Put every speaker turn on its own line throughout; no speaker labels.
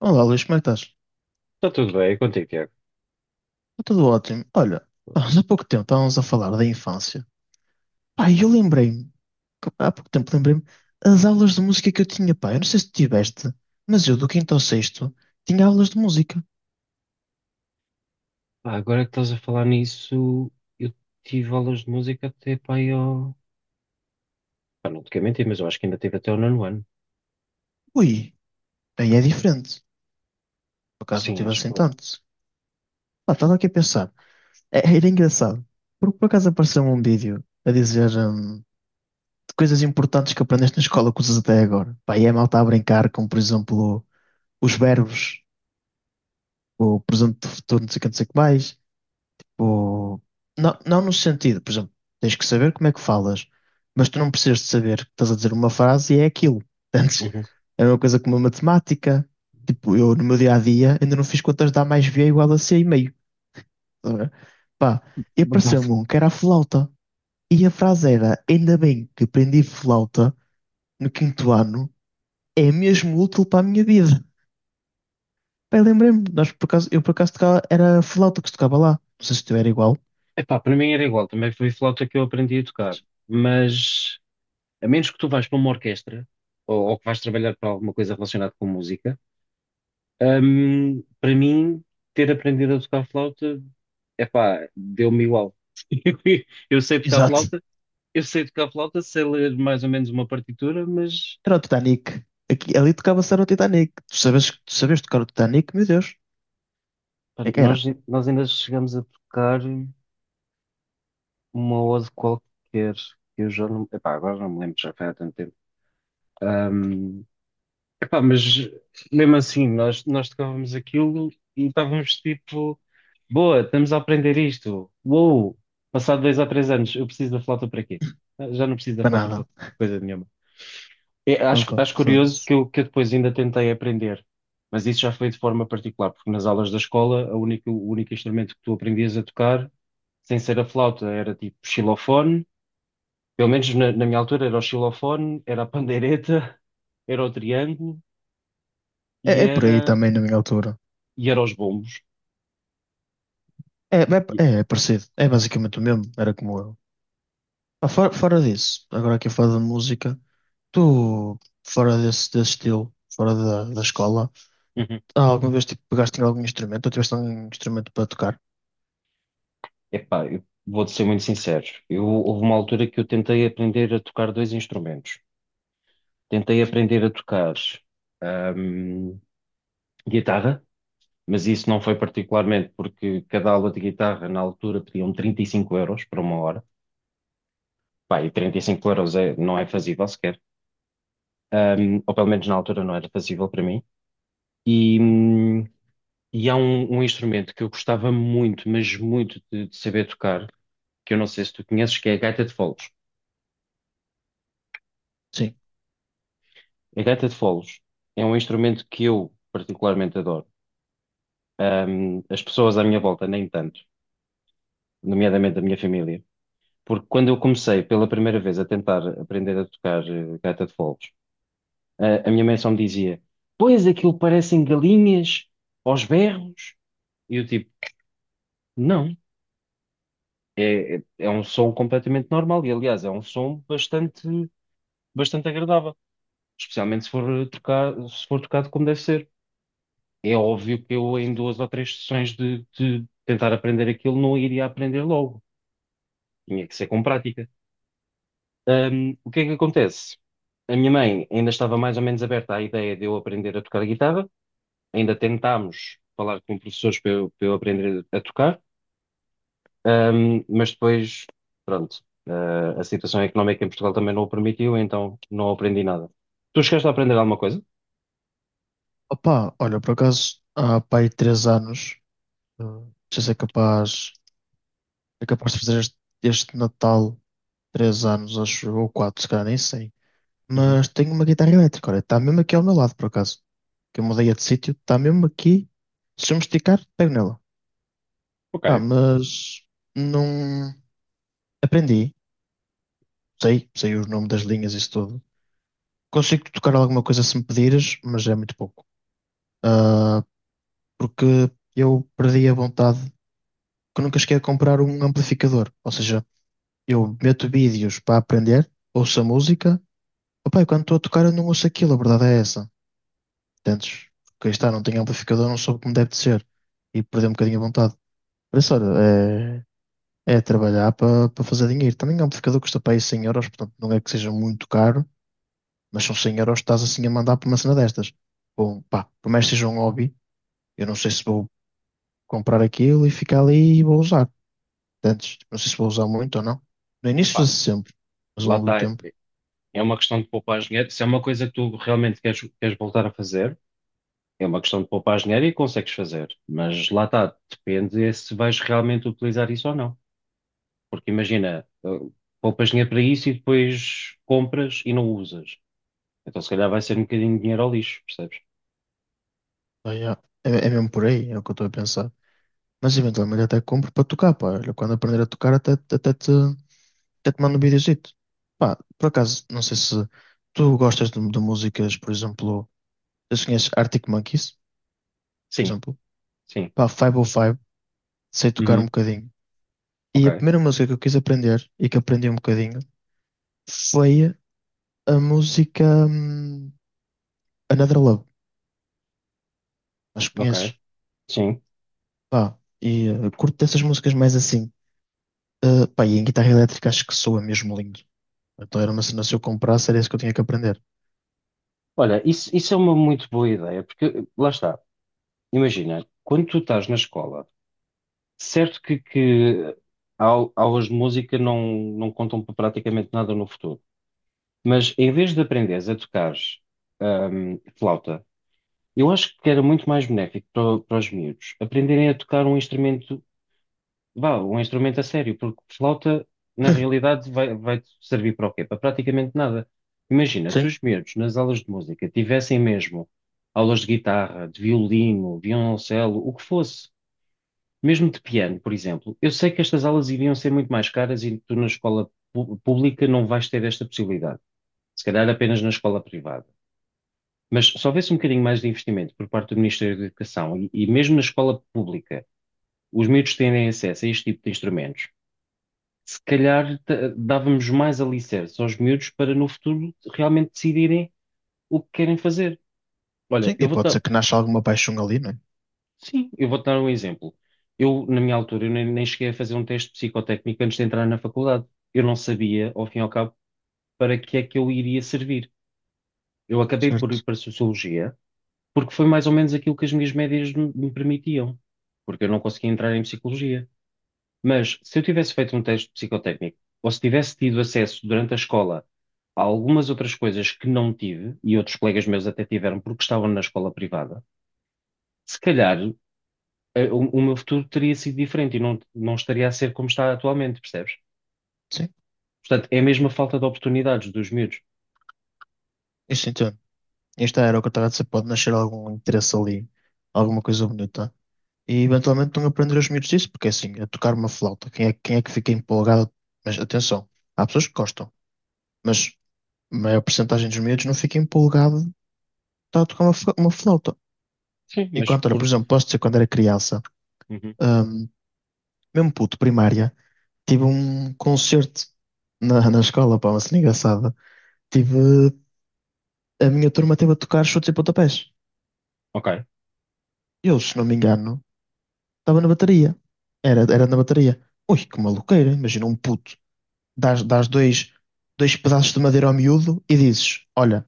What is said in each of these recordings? Olá, Luís, como é que estás? Está
Está tudo bem, é contigo, Tiago.
tudo ótimo. Olha, há pouco tempo estávamos a falar da infância. Pá, e eu lembrei-me, há pouco tempo lembrei-me, as aulas de música que eu tinha, pá, eu não sei se tiveste, mas eu do quinto ao sexto tinha aulas de música.
Pá, agora que estás a falar nisso, eu tive aulas de música até pá, Pá, não te quero mentir, mas eu acho que ainda tive até o nono ano.
Ui, aí é diferente. Por acaso não
Sim,
tive
acho que
assim
foi.
tantos. Pá, estava aqui a pensar, era engraçado, porque por acaso apareceu um vídeo a dizer de coisas importantes que aprendeste na escola que usas até agora. Pá, e é malta a brincar com, por exemplo, os verbos, o presente do futuro, não sei o que, não sei o que mais. Ou... Não, não no sentido, por exemplo, tens que saber como é que falas, mas tu não precisas de saber que estás a dizer uma frase e é aquilo. Antes,
Uhum.
é uma coisa como a matemática. Tipo, eu no meu dia a dia ainda não fiz contas de A mais B é igual a C e meio. Estás a ver? Pá, e
Então,
apareceu-me um que era a flauta. E a frase era: ainda bem que aprendi flauta no quinto ano, é mesmo útil para a minha vida. Pá, e lembrei-me, nós por acaso, eu por acaso tocava, era a flauta que se tocava lá. Não sei se tu era igual.
epá, para mim era igual, também foi flauta que eu aprendi a tocar.
mas-
Mas, a menos que tu vais para uma orquestra, ou que vais trabalhar para alguma coisa relacionada com música, para mim, ter aprendido a tocar flauta, epá, deu-me igual. Eu sei tocar
Exato.
flauta, Eu sei tocar flauta, sei ler mais ou menos uma partitura, mas
Era o Titanic. Aqui, ali tocava-se era o Titanic. Tu sabes tocar o Titanic? Meu Deus.
pá,
É que era.
nós ainda chegamos a tocar uma ode qualquer, que eu já não, epá, agora não me lembro, já foi há tanto tempo. Ahm, epá, mas mesmo assim, nós tocávamos aquilo e estávamos tipo, boa, estamos a aprender isto. Uou, passado 2 ou 3 anos, eu preciso da flauta para quê? Ah, já não preciso da
Para
flauta para
nada.
coisa nenhuma. É, acho,
Opa,
acho curioso
foda-se.
que eu depois ainda tentei aprender, mas isso já foi de forma particular, porque nas aulas da escola a única, o único instrumento que tu aprendias a tocar, sem ser a flauta, era tipo xilofone, pelo menos na minha altura era o xilofone, era a pandeireta, era o triângulo
É,
e
é por aí
era,
também, na minha altura.
e era os bombos.
É,
E,
é parecido. É basicamente o mesmo. Era como eu. Ah, fora disso, agora aqui a falar de música. Tu, desse estilo, da escola,
Uhum.
ah, alguma vez tipo, pegaste em algum instrumento ou tiveste algum instrumento para tocar?
Epá, eu vou-te ser muito sincero, houve uma altura que eu tentei aprender a tocar dois instrumentos. Tentei aprender a tocar, hum, guitarra mas isso não foi particularmente porque cada aula de guitarra na altura pediam 35 € para uma hora. Pá, e 35 € não é fazível sequer. Ou pelo menos na altura não era fazível para mim. E, hum, e há um instrumento que eu gostava muito, mas muito de saber tocar, que eu não sei se tu conheces, que é a gaita de foles.
Sim.
A gaita de foles é um instrumento que eu particularmente adoro. As pessoas à minha volta, nem tanto, nomeadamente a minha família. Porque quando eu comecei pela primeira vez a tentar aprender a tocar gaita de foles, a minha mãe só me dizia: Pois aquilo parecem galinhas aos berros. E eu, tipo, não, é um som completamente normal. E aliás, é um som bastante, bastante agradável, especialmente se for, tocar, se for tocado como deve ser. É óbvio que eu, em duas ou três sessões de tentar aprender aquilo, não iria aprender logo. Tinha que ser com prática. O que é que acontece? A minha mãe ainda estava mais ou menos aberta à ideia de eu aprender a tocar guitarra, ainda tentámos falar com professores para eu aprender a tocar, mas depois, pronto, ah, a situação económica em Portugal também não o permitiu, então não aprendi nada. Tu chegaste a aprender alguma coisa?
Opa, olha, por acaso, há pá, aí três anos, já sei capaz, é capaz de fazer este Natal três anos, acho, eu, ou quatro, se calhar, nem sei.
Uhum.
Mas tenho uma guitarra elétrica, olha, está mesmo aqui ao meu lado, por acaso. Que eu mudei de sítio, está mesmo aqui. Se eu me esticar, pego nela.
Ok.
Ah, mas não aprendi. Sei o nome das linhas e isso tudo. Consigo tocar alguma coisa se me pedires, mas é muito pouco. Ah, porque eu perdi a vontade, que nunca cheguei a comprar um amplificador. Ou seja, eu meto vídeos para aprender, ouço a música, opa, e quando estou a tocar eu não ouço aquilo, a verdade é essa. Entendes? Porque aí está, não tenho amplificador, não soube como deve de ser. E perdi um bocadinho a vontade. Por isso, olha, é trabalhar para fazer dinheiro. Também um amplificador custa para aí 100 euros, portanto não é que seja muito caro, mas são 100 euros que estás assim a mandar para uma cena destas. Bom, pá, por mais que seja um hobby. Eu não sei se vou comprar aquilo e ficar ali e vou usar. Antes, não sei se vou usar muito ou não. No início
Epá,
usa-se sempre, mas ao
lá
longo do
está,
tempo,
é uma questão de poupar dinheiro. Se é uma coisa que tu realmente queres, voltar a fazer, é uma questão de poupar dinheiro e consegues fazer. Mas lá está, depende é se vais realmente utilizar isso ou não. Porque imagina, poupas dinheiro para isso e depois compras e não usas. Então se calhar vai ser um bocadinho de dinheiro ao lixo, percebes?
pá, já, é mesmo por aí, é o que eu estou a pensar. Mas eventualmente até compro para tocar, pá. Olha, quando aprender a tocar, até te mando um videozito. Pá, por acaso, não sei se tu gostas de músicas, por exemplo, eu conheces Arctic Monkeys, por
Sim,
exemplo.
sim.
Pá, 505, sei tocar um
Uhum.
bocadinho. E
Ok,
a primeira música que eu quis aprender, e que aprendi um bocadinho, foi a música. Another Love, acho que
ok.
conheces.
Sim.
Pá, e curto dessas músicas mais assim. Pá, e em guitarra elétrica acho que soa mesmo lindo. Então era uma cena, se eu comprasse, era isso que eu tinha que aprender.
Olha, isso é uma muito boa ideia, porque lá está. Imagina, quando tu estás na escola, certo que aulas de música não contam para praticamente nada no futuro, mas em vez de aprenderes a tocar flauta, eu acho que era muito mais benéfico para os miúdos aprenderem a tocar um instrumento. Vá, um instrumento a sério, porque flauta, na realidade, vai servir para o quê? Para praticamente nada. Imagina, se
Sim,
os miúdos nas aulas de música tivessem mesmo aulas de guitarra, de violino, violoncelo, o que fosse, mesmo de piano, por exemplo, eu sei que estas aulas iriam ser muito mais caras e tu na escola pública não vais ter esta possibilidade. Se calhar apenas na escola privada. Mas se houvesse um bocadinho mais de investimento por parte do Ministério da Educação e mesmo na escola pública, os miúdos terem acesso a este tipo de instrumentos se calhar dávamos mais alicerces aos miúdos para no futuro realmente decidirem o que querem fazer. Olha,
sim. E pode ser que nasça alguma paixão ali, não é?
sim, eu vou dar um exemplo. Eu, na minha altura, eu nem cheguei a fazer um teste psicotécnico antes de entrar na faculdade. Eu não sabia, ao fim e ao cabo, para que é que eu iria servir. Eu acabei por
Certo.
ir para a sociologia, porque foi mais ou menos aquilo que as minhas médias me permitiam, porque eu não conseguia entrar em psicologia. Mas se eu tivesse feito um teste psicotécnico, ou se tivesse tido acesso durante a escola a algumas outras coisas que não tive, e outros colegas meus até tiveram porque estavam na escola privada, se calhar o meu futuro teria sido diferente e não estaria a ser como está atualmente, percebes?
Sim,
Portanto, é mesmo a falta de oportunidades dos miúdos.
isso entendo. Isto era o que eu estava a dizer, pode nascer algum interesse ali, alguma coisa bonita. E eventualmente estão a aprender os miúdos disso, porque é assim, a tocar uma flauta, quem é que fica empolgado? Mas atenção, há pessoas que gostam, mas a maior porcentagem dos miúdos não fica empolgado de estar a tocar uma flauta.
Sim, mas
Enquanto, olha, por
por...
exemplo, posso dizer quando era criança,
Uhum.
hum, mesmo puto, primária, tive um concerto na, na escola, pá, uma cena engraçada. Tive, a minha turma teve a tocar chutes e pontapés.
Ok.
Eu, se não me engano, estava na bateria. Era na bateria. Ui, que maluqueira, imagina um puto. Dás dois pedaços de madeira ao miúdo e dizes, olha,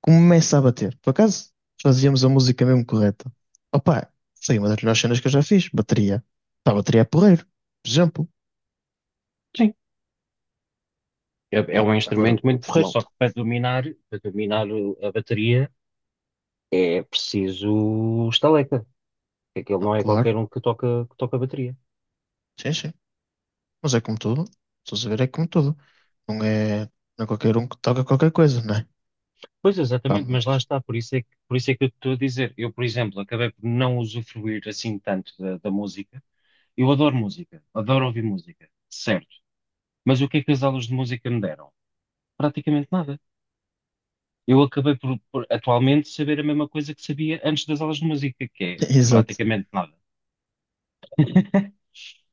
começa a bater. Por acaso, fazíamos a música mesmo correta. Opa, foi uma das melhores cenas que eu já fiz, bateria. Pá, bateria é porreiro, por exemplo.
Sim. É, é
Pá,
um
agora,
instrumento muito porreiro, só
flauta.
que para dominar, a bateria é preciso estaleca. Aquele
Não,
não é
claro.
qualquer um que toca a bateria.
Sim, sim. Mas é como tudo. Estás a ver, é como tudo. Não é, não é qualquer um que toca qualquer coisa, não é?
Pois
Pá,
exatamente, mas lá
mas...
está, por isso é que eu te estou a dizer. Eu, por exemplo, acabei por não usufruir assim tanto da música. Eu adoro música, adoro ouvir música, certo. Mas o que é que as aulas de música me deram? Praticamente nada. Eu acabei por atualmente saber a mesma coisa que sabia antes das aulas de música, que é
Exato.
praticamente nada.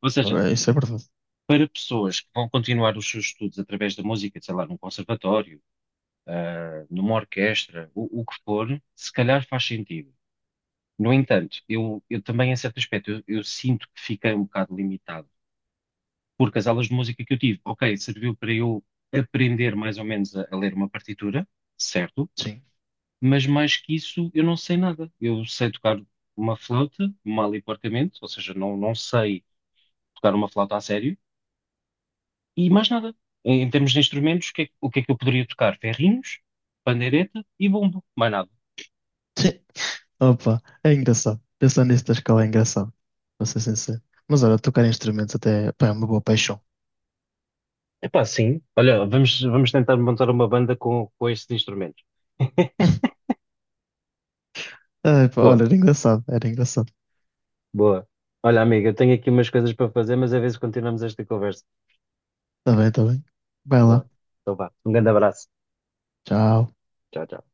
Ou
Pá,
seja,
é, isso é verdade.
para pessoas que vão continuar os seus estudos através da música, sei lá, num conservatório, ah, numa orquestra, o que for, se calhar faz sentido. No entanto, eu também, em certo aspecto, eu sinto que fiquei um bocado limitado, porque as aulas de música que eu tive, ok, serviu para eu aprender mais ou menos a ler uma partitura, certo,
Sim.
mas mais que isso, eu não sei nada. Eu sei tocar uma flauta, mal e porcamente, ou seja, não sei tocar uma flauta a sério, e mais nada. Em termos de instrumentos, o que é que eu poderia tocar? Ferrinhos, pandeireta e bombo, mais nada.
Sim. Opa, é engraçado. Pensar nisso da escola é engraçado. Vou ser sincero. Mas olha, tocar instrumentos até, pá, é uma boa paixão.
Epá, sim. Olha, vamos tentar montar uma banda com estes instrumentos.
Ai, pá, olha,
Boa.
era engraçado. Era engraçado.
Boa. Olha, amiga, eu tenho aqui umas coisas para fazer, mas a ver se continuamos esta conversa.
Tá bem, tá bem. Vai
Boa.
lá.
Então vá. Um grande abraço.
Tchau.
Tchau, tchau.